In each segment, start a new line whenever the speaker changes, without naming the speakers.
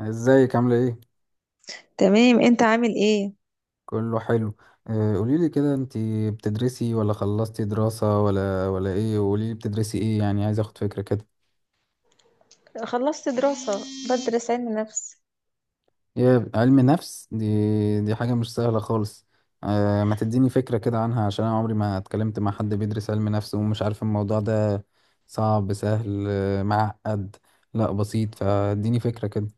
ازيك عاملة ايه؟
تمام، انت عامل ايه؟
كله حلو. قوليلي كده انتي بتدرسي ولا خلصتي دراسة ولا ايه، وقوليلي بتدرسي ايه يعني، عايز اخد فكرة كده.
خلصت دراسة. بدرس علم نفس.
يا علم نفس دي حاجة مش سهلة خالص. ما تديني فكرة كده عنها عشان انا عمري ما اتكلمت مع حد بيدرس علم نفس ومش عارف الموضوع ده. صعب، سهل، معقد، لا بسيط، فاديني فكرة كده.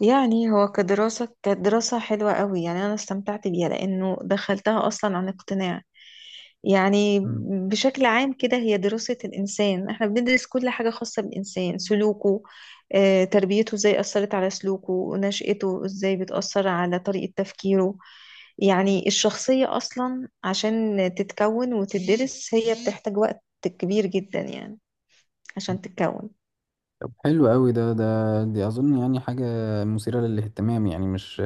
يعني هو كدراسة كانت دراسة حلوة قوي، يعني انا استمتعت بيها لانه دخلتها اصلا عن اقتناع. يعني
مم.
بشكل عام كده هي دراسة الانسان، احنا بندرس كل حاجة خاصة بالانسان، سلوكه، تربيته ازاي اثرت على سلوكه، ونشأته ازاي بتأثر على طريقة تفكيره. يعني الشخصية اصلا عشان تتكون وتدرس هي بتحتاج وقت كبير جدا يعني عشان تتكون.
طب حلو قوي. ده دي اظن يعني حاجة مثيرة للاهتمام، يعني مش،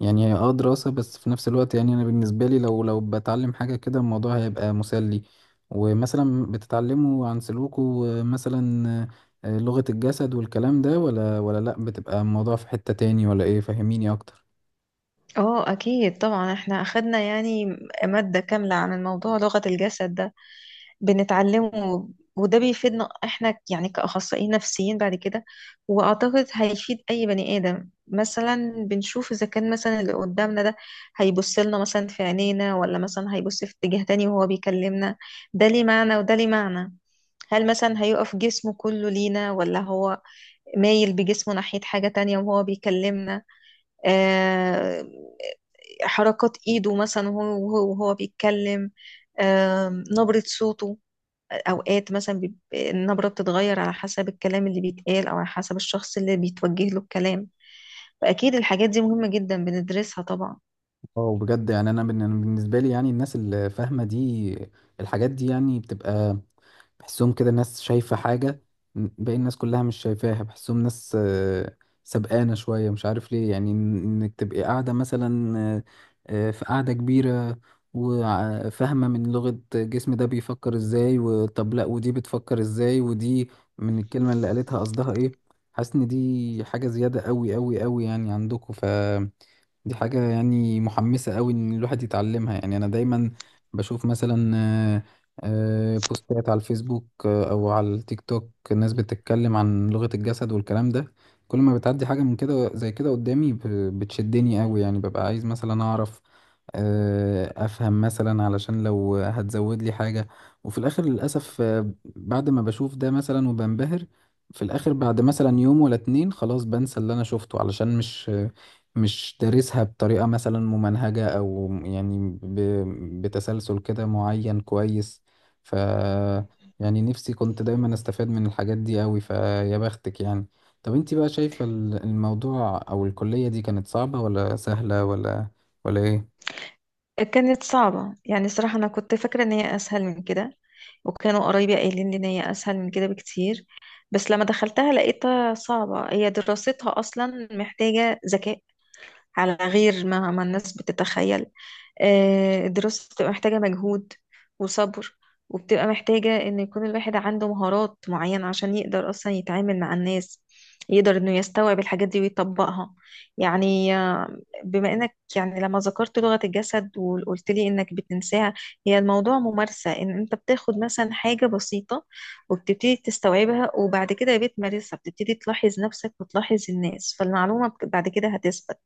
يعني هي اه دراسة، بس في نفس الوقت يعني أنا بالنسبة لي لو بتعلم حاجة كده الموضوع هيبقى مسلي. ومثلا بتتعلموا عن سلوكه، مثلا لغة الجسد والكلام ده، ولا لأ بتبقى الموضوع في حتة تاني، ولا إيه؟ فهميني أكتر.
اه اكيد طبعا، احنا اخدنا يعني مادة كاملة عن الموضوع، لغة الجسد ده بنتعلمه، وده بيفيدنا احنا يعني كأخصائيين نفسيين بعد كده. واعتقد هيفيد اي بني ادم. مثلا بنشوف اذا كان مثلا اللي قدامنا ده هيبص لنا مثلا في عينينا، ولا مثلا هيبص في اتجاه تاني وهو بيكلمنا، ده ليه معنى وده ليه معنى. هل مثلا هيقف جسمه كله لينا، ولا هو مايل بجسمه ناحية حاجة تانية وهو بيكلمنا؟ آه، حركات ايده مثلا وهو وهو بيتكلم. نبرة صوته اوقات مثلا النبرة بتتغير على حسب الكلام اللي بيتقال، او على حسب الشخص اللي بيتوجه له الكلام. فاكيد الحاجات دي مهمة جدا بندرسها طبعا.
اه بجد، يعني أنا بالنسبة لي يعني الناس اللي فاهمة دي الحاجات دي يعني بتبقى، بحسهم كده ناس شايفة حاجة باقي الناس كلها مش شايفاها. بحسهم ناس سبقانة شوية، مش عارف ليه. يعني انك تبقي قاعدة مثلا، في قاعدة كبيرة وفاهمة من لغة جسم ده بيفكر ازاي، وطب لا ودي بتفكر ازاي، ودي من الكلمة اللي قالتها قصدها ايه. حاسس ان دي حاجة زيادة قوي قوي قوي يعني عندكم. دي حاجة يعني محمسة قوي ان الواحد يتعلمها. يعني انا دايما بشوف مثلا بوستات على الفيسبوك، او على التيك توك، الناس بتتكلم عن لغة الجسد والكلام ده. كل ما بتعدي حاجة من كده زي كده قدامي بتشدني قوي. يعني ببقى عايز مثلا اعرف، افهم مثلا، علشان لو هتزود لي حاجة. وفي الاخر للأسف بعد ما بشوف ده مثلا وبنبهر، في الاخر بعد مثلا يوم ولا اتنين خلاص بنسى اللي انا شفته، علشان مش دارسها بطريقة مثلا ممنهجة، أو يعني بتسلسل كده معين كويس. ف يعني نفسي كنت دايما استفاد من الحاجات دي أوي. فيا بختك يعني. طب انتي بقى شايفة الموضوع أو الكلية دي كانت صعبة ولا سهلة ولا ايه؟
كانت صعبة، يعني صراحة انا كنت فاكرة ان هي اسهل من كده، وكانوا قرايبي قايلين لي ان هي اسهل من كده بكتير، بس لما دخلتها لقيتها صعبة. هي دراستها اصلا محتاجة ذكاء، على غير ما الناس بتتخيل. الدراسة بتبقى محتاجة مجهود وصبر، وبتبقى محتاجة إن يكون الواحد عنده مهارات معينة، عشان يقدر أصلا يتعامل مع الناس، يقدر إنه يستوعب الحاجات دي ويطبقها. يعني بما إنك يعني لما ذكرت لغة الجسد وقلت لي إنك بتنساها، هي الموضوع ممارسة. إن أنت بتاخد مثلا حاجة بسيطة وبتبتدي تستوعبها، وبعد كده بتمارسها، بتبتدي تلاحظ نفسك وتلاحظ الناس، فالمعلومة بعد كده هتثبت.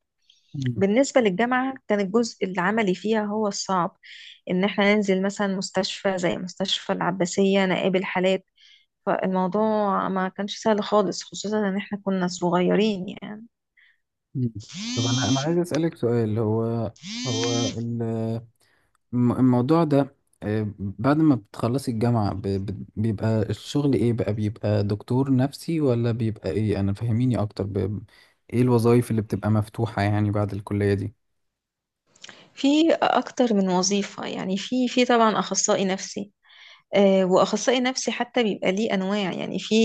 مم.
بالنسبة للجامعة، كان الجزء العملي فيها هو الصعب، إن إحنا ننزل مثلا مستشفى زي مستشفى العباسية نقابل حالات. فالموضوع ما كانش سهل خالص، خصوصا إن إحنا كنا صغيرين يعني.
مم. طب أنا عايز أسألك سؤال. هو ال الموضوع ده، بعد ما بتخلصي الجامعة بيبقى الشغل ايه بقى؟ بيبقى دكتور نفسي ولا بيبقى ايه؟ انا فهميني اكتر ايه الوظائف اللي بتبقى مفتوحة يعني بعد الكلية دي؟
في أكتر من وظيفة يعني، في طبعا أخصائي نفسي. وأخصائي نفسي حتى بيبقى ليه أنواع. يعني في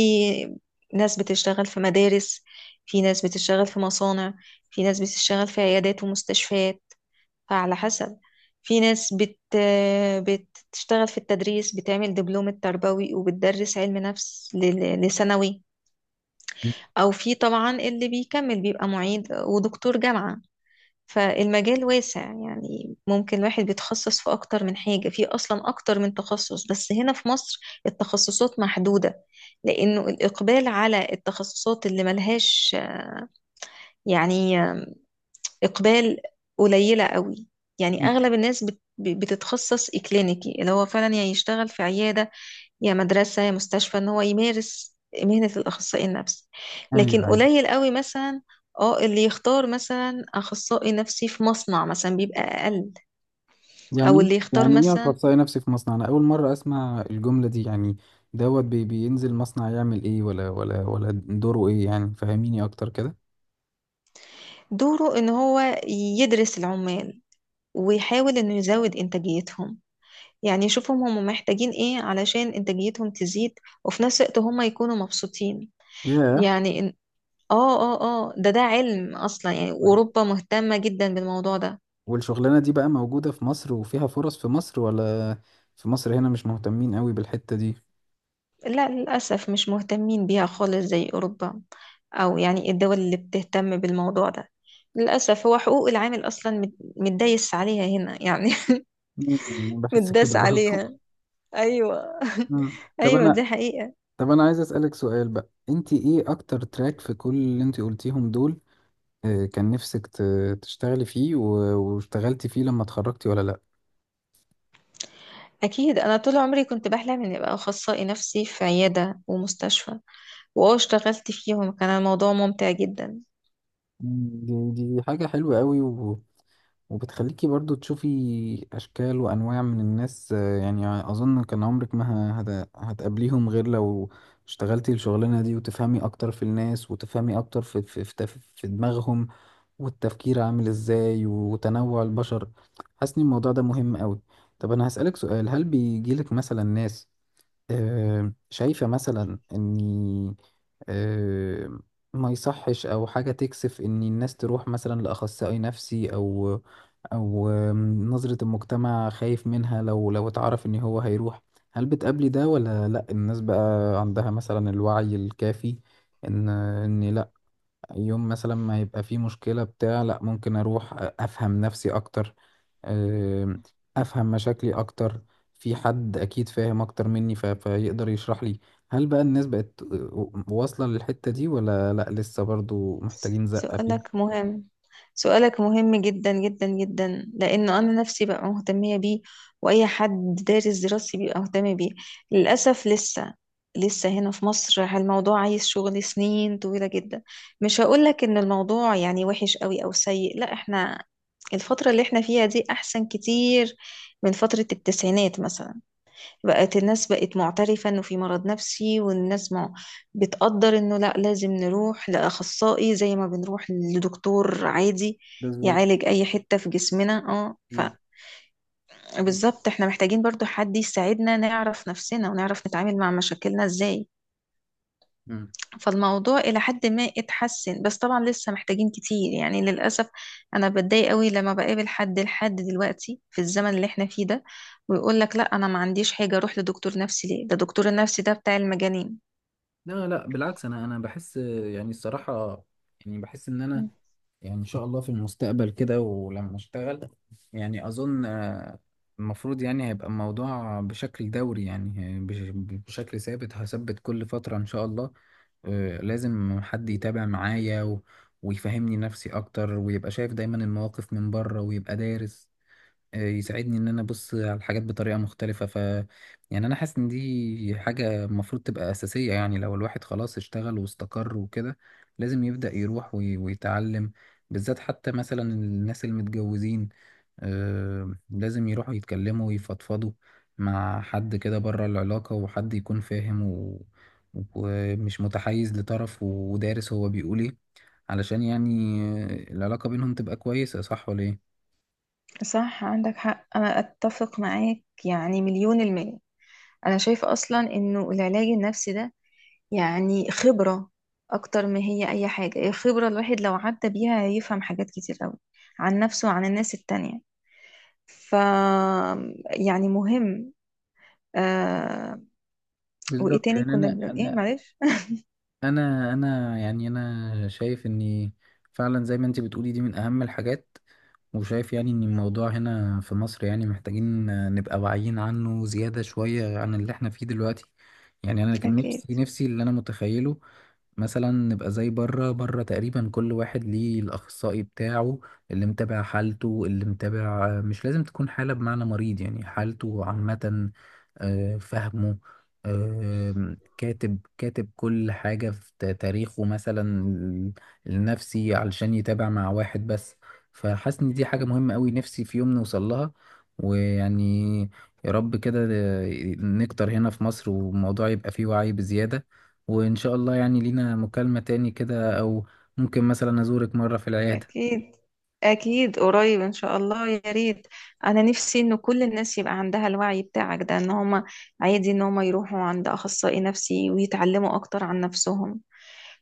ناس بتشتغل في مدارس، في ناس بتشتغل في مصانع، في ناس بتشتغل في عيادات ومستشفيات، فعلى حسب. في ناس بتشتغل في التدريس، بتعمل دبلوم التربوي وبتدرس علم نفس لثانوي. أو في طبعا اللي بيكمل بيبقى معيد ودكتور جامعة. فالمجال واسع، يعني ممكن الواحد بيتخصص في أكتر من حاجة، في أصلا أكتر من تخصص، بس هنا في مصر التخصصات محدودة، لأنه الإقبال على التخصصات اللي ملهاش يعني إقبال قليلة قوي. يعني
مم.
أغلب الناس بتتخصص إكلينيكي، اللي هو فعلا يا يشتغل في عيادة، يا مدرسة، يا مستشفى، إن هو يمارس مهنة الأخصائي النفسي.
ايوه،
لكن
أيوة.
قليل قوي مثلا اه اللي يختار مثلا أخصائي نفسي في مصنع، مثلا بيبقى أقل. أو
يعني
اللي يختار
يعني ايه
مثلا
اخصائي نفسي في مصنع؟ انا اول مرة اسمع الجملة دي يعني. دوت بي بينزل مصنع يعمل ايه، ولا دوره ايه يعني؟ فهميني اكتر كده.
دوره إن هو يدرس العمال ويحاول إنه يزود إنتاجيتهم، يعني يشوفهم هم محتاجين إيه علشان إنتاجيتهم تزيد، وفي نفس الوقت هم يكونوا مبسوطين.
ياه.
يعني اه اه اه ده علم اصلا، يعني اوروبا مهتمة جدا بالموضوع ده.
والشغلانة دي بقى موجودة في مصر وفيها فرص في مصر، ولا في مصر هنا مش مهتمين قوي بالحتة دي؟
لا للأسف مش مهتمين بيها خالص زي اوروبا، او يعني الدول اللي بتهتم بالموضوع ده. للأسف هو حقوق العامل اصلا متدايس عليها هنا يعني.
مم، أنا بحس كده
متداس
برضو.
عليها، ايوه
طب
ايوه،
انا،
دي حقيقة.
طب انا عايز اسألك سؤال بقى، انت ايه اكتر تراك في كل اللي انت قلتيهم دول، كان نفسك تشتغلي فيه واشتغلتي فيه لما اتخرجتي، ولا لا؟
اكيد انا طول عمري كنت بحلم اني ابقى اخصائي نفسي في عيادة ومستشفى، واه اشتغلت فيهم، كان الموضوع ممتع جدا.
مم، دي حاجة حلوة قوي. وبتخليكي برضو تشوفي أشكال وأنواع من الناس، يعني أظن كان عمرك ما هتقابليهم غير لو اشتغلتي الشغلانة دي. وتفهمي أكتر في الناس، وتفهمي أكتر في دماغهم والتفكير عامل إزاي، وتنوع البشر. حاسس إن الموضوع ده مهم أوي. طب أنا هسألك سؤال، هل بيجيلك مثلا ناس شايفة مثلا إني، آه، ما يصحش أو حاجة تكسف إن الناس تروح مثلا لأخصائي نفسي، أو أو نظرة المجتمع خايف منها لو اتعرف إن هو هيروح؟ هل بتقابلي ده ولا لأ؟ الناس بقى عندها مثلا الوعي الكافي إن لأ، يوم مثلا ما يبقى فيه مشكلة بتاع، لأ ممكن أروح أفهم نفسي أكتر، آه، افهم مشاكلي اكتر، في حد اكيد فاهم اكتر مني فيقدر يشرح لي. هل بقى الناس بقت واصلة للحتة دي، ولا لا لسه برضو محتاجين زقة فيها؟
سؤالك مهم، سؤالك مهم جدا جدا جدا، لأنه أنا نفسي بقى مهتمية بيه، وأي حد دارس دراستي بيبقى مهتم بيه. للأسف لسه هنا في مصر الموضوع عايز شغل سنين طويلة جدا. مش هقولك إن الموضوع يعني وحش قوي أو سيء، لا، إحنا الفترة اللي إحنا فيها دي أحسن كتير من فترة الـ90 مثلا. بقت الناس بقت معترفة انه في مرض نفسي، والناس مع... بتقدر انه لا، لازم نروح لأخصائي زي ما بنروح لدكتور عادي
بالظبط.
يعالج اي حتة في جسمنا اه.
أكيد.
فبالظبط احنا محتاجين برضو حد يساعدنا نعرف نفسنا ونعرف نتعامل مع مشاكلنا ازاي.
مم.
فالموضوع إلى حد ما اتحسن، بس طبعا لسه محتاجين كتير يعني للأسف. أنا بتضايق قوي لما بقابل حد لحد دلوقتي في الزمن اللي احنا فيه ده، ويقول لك لا أنا ما عنديش حاجة أروح لدكتور نفسي ليه، ده دكتور النفسي ده بتاع المجانين.
لا لا بالعكس، انا بحس يعني الصراحه، يعني بحس ان انا، يعني ان شاء الله في المستقبل كده ولما اشتغل يعني اظن المفروض يعني هيبقى الموضوع بشكل دوري، يعني بشكل ثابت، هثبت كل فتره ان شاء الله. لازم حد يتابع معايا ويفهمني نفسي اكتر، ويبقى شايف دايما المواقف من بره ويبقى دارس، يساعدني ان انا ابص على الحاجات بطريقة مختلفة. يعني انا حاسس ان دي حاجة المفروض تبقى اساسية. يعني لو الواحد خلاص اشتغل واستقر وكده لازم يبدأ يروح ويتعلم، بالذات حتى مثلا الناس المتجوزين، لازم يروحوا يتكلموا ويفضفضوا مع حد كده بره العلاقة، وحد يكون فاهم ومش متحيز لطرف، ودارس هو بيقول ايه، علشان يعني العلاقة بينهم تبقى كويسة. صح ولا ايه؟
صح، عندك حق، أنا أتفق معاك يعني مليون المية. أنا شايفة أصلا إنه العلاج النفسي ده يعني خبرة، أكتر ما هي أي حاجة. الخبرة الواحد لو عدى بيها هيفهم حاجات كتير أوي عن نفسه وعن الناس التانية. ف يعني مهم آه. وايه
بالظبط.
تاني
يعني
كنا
انا
بنقول ايه،
انا
معلش.
انا انا يعني انا شايف اني فعلا زي ما انت بتقولي دي من اهم الحاجات، وشايف يعني ان الموضوع هنا في مصر يعني محتاجين نبقى واعيين عنه زيادة شوية عن اللي احنا فيه دلوقتي. يعني انا كان نفسي
اكيد،
نفسي اللي انا متخيله مثلا نبقى زي بره تقريبا، كل واحد ليه الأخصائي بتاعه اللي متابع حالته، اللي متابع. مش لازم تكون حالة بمعنى مريض، يعني حالته عامة، فهمه، كاتب كل حاجة في تاريخه مثلا النفسي، علشان يتابع مع واحد بس. فحاسس إن دي حاجة مهمة أوي، نفسي في يوم نوصل لها. ويعني يا رب كده نكتر هنا في مصر، والموضوع يبقى فيه وعي بزيادة. وإن شاء الله يعني لينا مكالمة تاني كده، أو ممكن مثلا أزورك مرة في العيادة.
اكيد اكيد قريب ان شاء الله، يا ريت. انا نفسي ان كل الناس يبقى عندها الوعي بتاعك ده، ان هما عادي ان هما يروحوا عند اخصائي نفسي ويتعلموا اكتر عن نفسهم.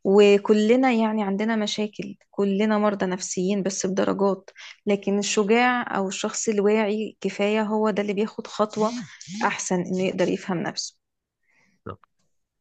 وكلنا يعني عندنا مشاكل، كلنا مرضى نفسيين بس بدرجات. لكن الشجاع او الشخص الواعي كفاية هو ده اللي بياخد خطوة، احسن انه يقدر يفهم نفسه.